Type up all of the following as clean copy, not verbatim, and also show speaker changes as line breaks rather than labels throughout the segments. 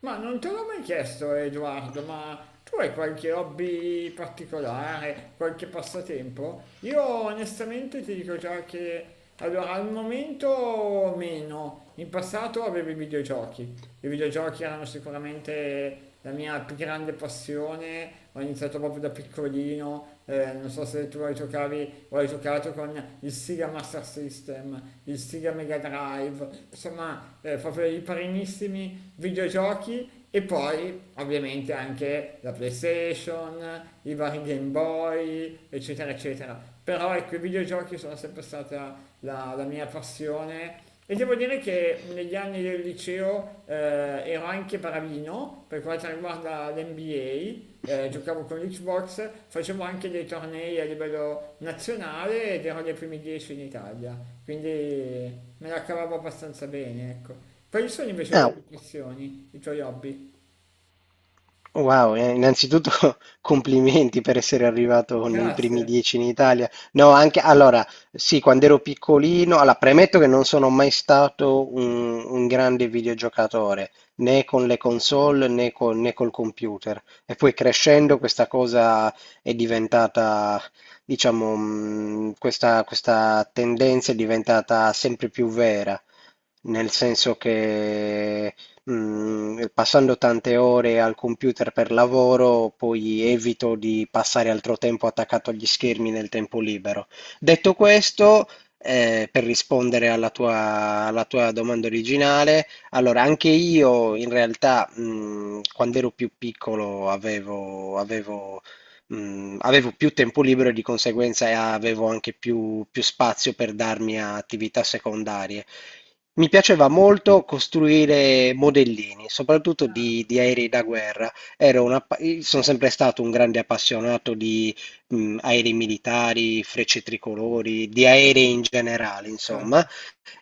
Ma non te l'ho mai chiesto, Edoardo, ma tu hai qualche hobby particolare, qualche passatempo? Io onestamente ti dico già che allora al momento meno. In passato avevo i videogiochi. I videogiochi erano sicuramente la mia più grande passione, ho iniziato proprio da piccolino, non so se tu hai giocavi o hai giocato con il Sega Master System, il Sega Mega Drive, insomma proprio i primissimi videogiochi e poi ovviamente anche la PlayStation, i vari Game Boy, eccetera, eccetera. Però ecco, i videogiochi sono sempre stata la mia passione e devo dire che negli anni del liceo ero anche bravino per quanto riguarda l'NBA, giocavo con l'Xbox, facevo anche dei tornei a livello nazionale ed ero nei primi 10 in Italia, quindi me la cavavo abbastanza bene, ecco. Quali sono invece le
Ah,
tue passioni, i tuoi hobby?
wow, innanzitutto complimenti per essere arrivato nei primi
Grazie,
10 in Italia. No, anche allora, sì, quando ero piccolino, allora, premetto che non sono mai stato un grande videogiocatore, né con le console né col computer. E poi crescendo questa cosa è diventata, diciamo, questa tendenza è diventata sempre più vera, nel senso che passando tante ore al computer per lavoro, poi evito di passare altro tempo attaccato agli schermi nel tempo libero. Detto questo, per rispondere alla tua, domanda originale, allora anche io in realtà, quando ero più piccolo avevo più tempo libero e di conseguenza avevo anche più, spazio per darmi a attività secondarie. Mi piaceva molto costruire modellini, soprattutto di aerei da guerra. Ero sono sempre stato un grande appassionato di aerei militari, frecce tricolori, di aerei in generale, insomma.
certo.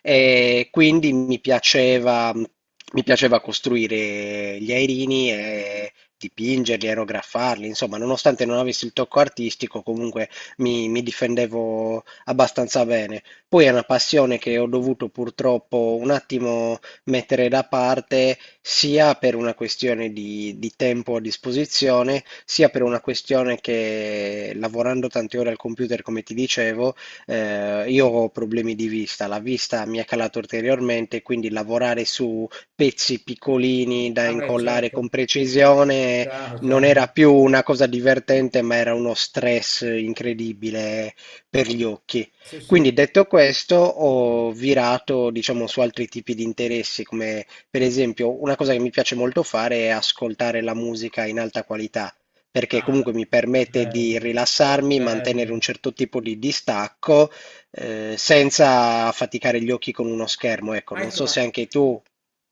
E quindi mi piaceva costruire gli aerini e dipingerli, aerografarli, insomma, nonostante non avessi il tocco artistico, comunque mi, difendevo abbastanza bene. Poi è una passione che ho dovuto purtroppo un attimo mettere da parte, sia per una questione di tempo a disposizione, sia per una questione che lavorando tante ore al computer, come ti dicevo, io ho problemi di vista, la vista mi è calata ulteriormente, quindi lavorare su pezzi piccolini da
Ah beh,
incollare
certo,
con precisione
chiaro,
non
chiaro.
era più una cosa divertente, ma era uno stress incredibile per gli occhi.
Sì,
Quindi
sì.
detto questo, ho virato, diciamo, su altri tipi di interessi, come per esempio una cosa che mi piace molto fare è ascoltare la musica in alta qualità perché
Ah,
comunque mi permette di
bello,
rilassarmi, mantenere
bello.
un certo tipo di distacco, senza affaticare gli occhi con uno schermo. Ecco,
Ma
non
ecco,
so se
ma,
anche tu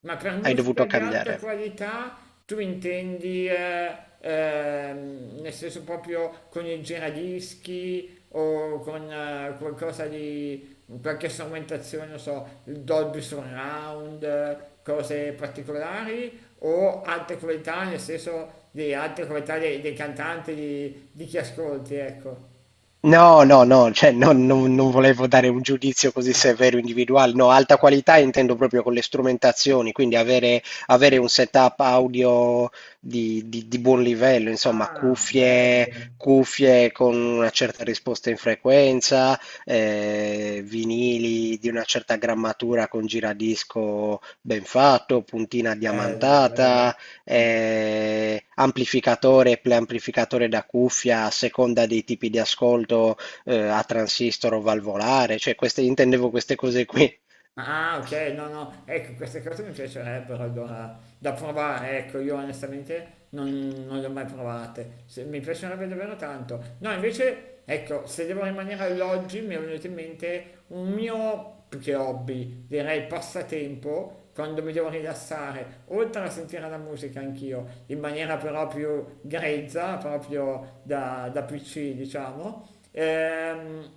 ma per
hai
musica
dovuto
di alta
cambiare.
qualità tu intendi, nel senso proprio con il giradischi o con qualcosa di, qualche strumentazione, non so, il Dolby Surround, cose particolari o alta qualità nel senso di alta qualità dei, dei cantanti, di chi ascolti, ecco.
No, no, no, cioè non volevo dare un giudizio così severo individuale, no, alta qualità intendo proprio con le strumentazioni, quindi avere, un setup audio di buon livello, insomma,
Ah,
cuffie,
bello,
cuffie con una certa risposta in frequenza, vinili di una certa grammatura con giradisco ben fatto, puntina
bello, bello.
diamantata, amplificatore e preamplificatore da cuffia a seconda dei tipi di ascolto a transistor o valvolare, cioè queste, intendevo queste cose qui.
Ah, ok, no, no, ecco, queste cose mi piacerebbero allora da provare, ecco, io onestamente non, non le ho mai provate, mi piacerebbe davvero tanto. No, invece, ecco, se devo rimanere all'oggi mi è venuto in mente un mio, più che hobby, direi passatempo, quando mi devo rilassare, oltre a sentire la musica anch'io, in maniera però più grezza, proprio da, da PC, diciamo.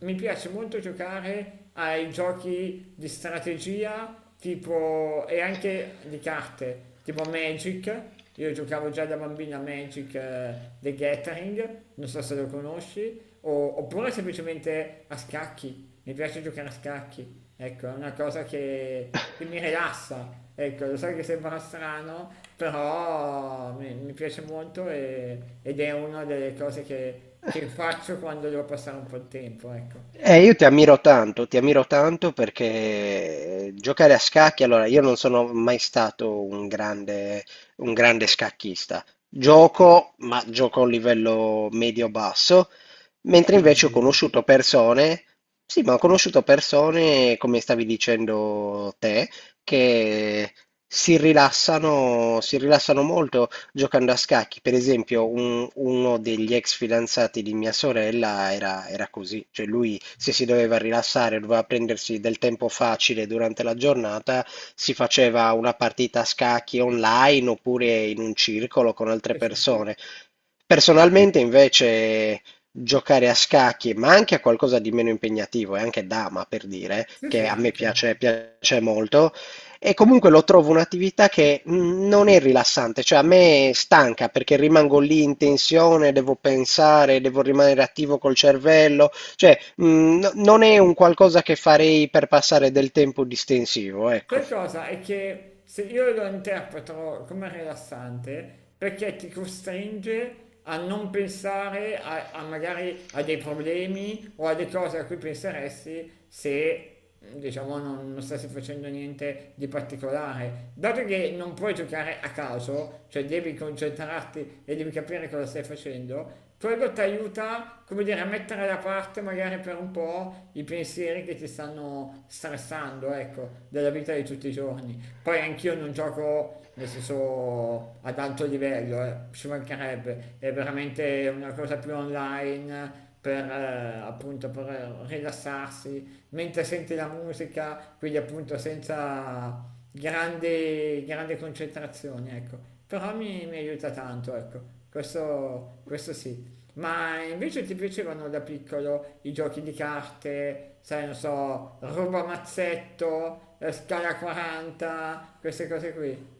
Mi piace molto giocare ai giochi di strategia tipo, e anche di carte, tipo Magic. Io giocavo già da bambina a Magic The Gathering, non so se lo conosci, oppure semplicemente a scacchi. Mi piace giocare a scacchi, ecco, è una cosa che mi rilassa. Ecco, lo so che sembra strano, però mi piace molto ed è una delle cose che faccio quando devo passare un po' di tempo, ecco.
Io ti ammiro tanto perché giocare a scacchi, allora io non sono mai stato un grande, scacchista. Gioco, ma gioco a un livello medio-basso,
Sì,
mentre
ma
invece ho
anch'io.
conosciuto persone, sì, ma ho conosciuto persone, come stavi dicendo te, che si rilassano, molto giocando a scacchi. Per esempio, uno degli ex fidanzati di mia sorella era così, cioè lui se si doveva rilassare, doveva prendersi del tempo facile durante la giornata, si faceva una partita a scacchi online oppure in un circolo con altre
Sì, sì, sì.
persone. Personalmente, invece, giocare a scacchi, ma anche a qualcosa di meno impegnativo, e anche dama per dire,
Sì,
che
sì,
a me
anche.
piace molto, e comunque lo trovo un'attività che non è rilassante, cioè a me stanca perché rimango lì in tensione, devo pensare, devo rimanere attivo col cervello, cioè non è un qualcosa che farei per passare del tempo distensivo, ecco.
Sai cosa? È che se io lo interpreto come rilassante, perché ti costringe a non pensare a, a magari a dei problemi o a delle cose a cui penseresti se diciamo non, non stessi facendo niente di particolare. Dato che non puoi giocare a caso, cioè devi concentrarti e devi capire cosa stai facendo, quello ti aiuta, come dire, a mettere da parte magari per un po' i pensieri che ti stanno stressando, ecco, della vita di tutti i giorni. Poi anch'io non gioco, nel senso, ad alto livello, ci mancherebbe, è veramente una cosa più online per appunto per rilassarsi mentre senti la musica, quindi appunto senza grande concentrazione, ecco. Però mi aiuta tanto, ecco. Questo sì. Ma invece ti piacevano da piccolo i giochi di carte, sai, non so, ruba mazzetto, scala 40, queste cose qui?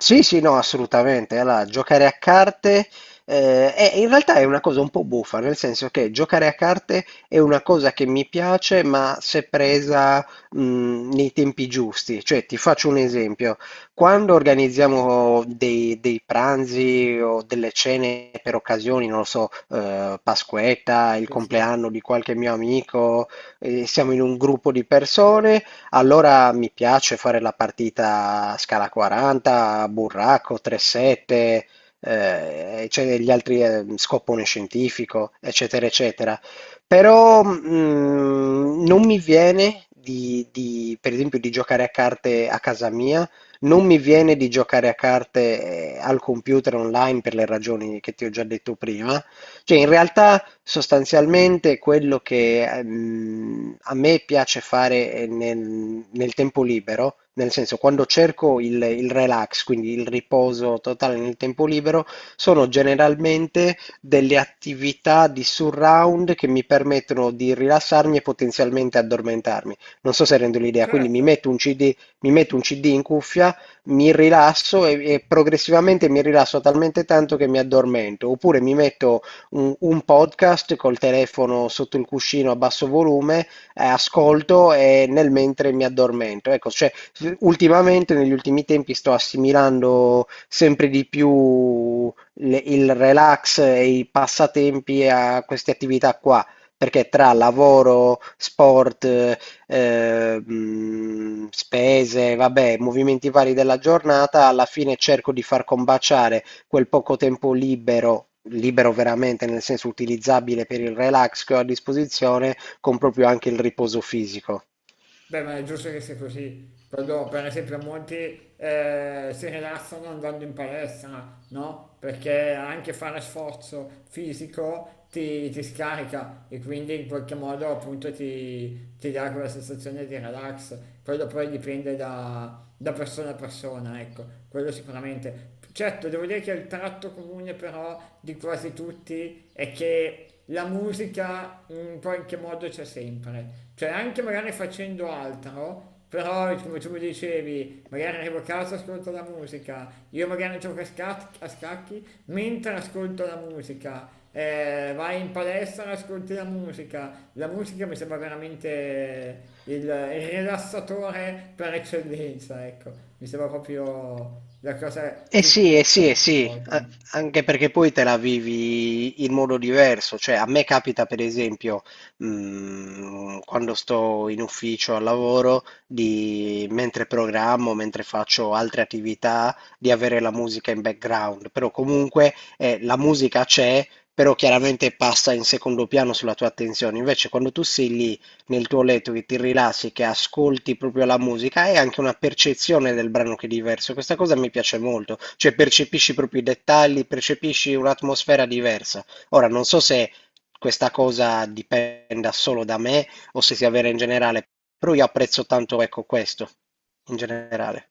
Sì, sì, no, assolutamente. Allora, giocare a carte in realtà è una cosa un po' buffa, nel senso che giocare a carte è una cosa che mi piace, ma se presa nei tempi giusti. Cioè, ti faccio un esempio. Quando organizziamo dei, pranzi o delle cene per occasioni, non lo so, Pasquetta, il
Sì, sì.
compleanno di qualche mio amico, siamo in un gruppo di persone. Allora mi piace fare la partita a scala 40, burraco, 3-7, cioè gli altri scopone scientifico, eccetera, eccetera. Però non mi viene per esempio, di giocare a carte a casa mia, non mi viene di giocare a carte al computer online per le ragioni che ti ho già detto prima. Cioè, in realtà. Sostanzialmente quello che, a me piace fare nel, tempo libero, nel senso quando cerco il relax, quindi il riposo totale nel tempo libero, sono generalmente delle attività di surround che mi permettono di rilassarmi e potenzialmente addormentarmi. Non so se rendo l'idea, quindi mi
Certo.
metto un CD, mi metto un CD in cuffia, mi rilasso e progressivamente mi rilasso talmente tanto che mi addormento, oppure mi metto un podcast col telefono sotto il cuscino a basso volume, ascolto e nel mentre mi addormento. Ecco, cioè, ultimamente, negli ultimi tempi, sto assimilando sempre di più il relax e i passatempi a queste attività qua. Perché tra lavoro, sport, spese, vabbè, movimenti vari della giornata, alla fine cerco di far combaciare quel poco tempo libero, libero veramente nel senso utilizzabile per il relax che ho a disposizione, con proprio anche il riposo fisico.
Beh, ma è giusto che sia così. Quando, per esempio, molti si rilassano andando in palestra, no? Perché anche fare sforzo fisico ti, ti scarica e quindi in qualche modo appunto ti, ti dà quella sensazione di relax. Quello poi dipende da, da persona a persona, ecco, quello sicuramente. Certo, devo dire che il tratto comune però di quasi tutti è che la musica in qualche modo c'è sempre, cioè anche magari facendo altro, però come tu mi dicevi, magari arrivo a casa e ascolto la musica, io magari gioco a, a scacchi mentre ascolto la musica, vai in palestra e ascolti la musica mi sembra veramente il rilassatore per eccellenza, ecco, mi sembra proprio la cosa
Eh
che
sì, eh
tutti alla
sì, eh
fine
sì,
vogliono.
anche perché poi te la vivi in modo diverso, cioè a me capita per esempio quando sto in ufficio al lavoro, mentre programmo, mentre faccio altre attività, di avere la musica in background, però comunque la musica c'è, però chiaramente passa in secondo piano sulla tua attenzione, invece quando tu sei lì nel tuo letto, che ti rilassi, che ascolti proprio la musica, hai anche una percezione del brano che è diverso. Questa cosa mi piace molto, cioè percepisci proprio i dettagli, percepisci un'atmosfera diversa. Ora, non so se questa cosa dipenda solo da me o se sia vera in generale, però io apprezzo tanto, ecco, questo in generale.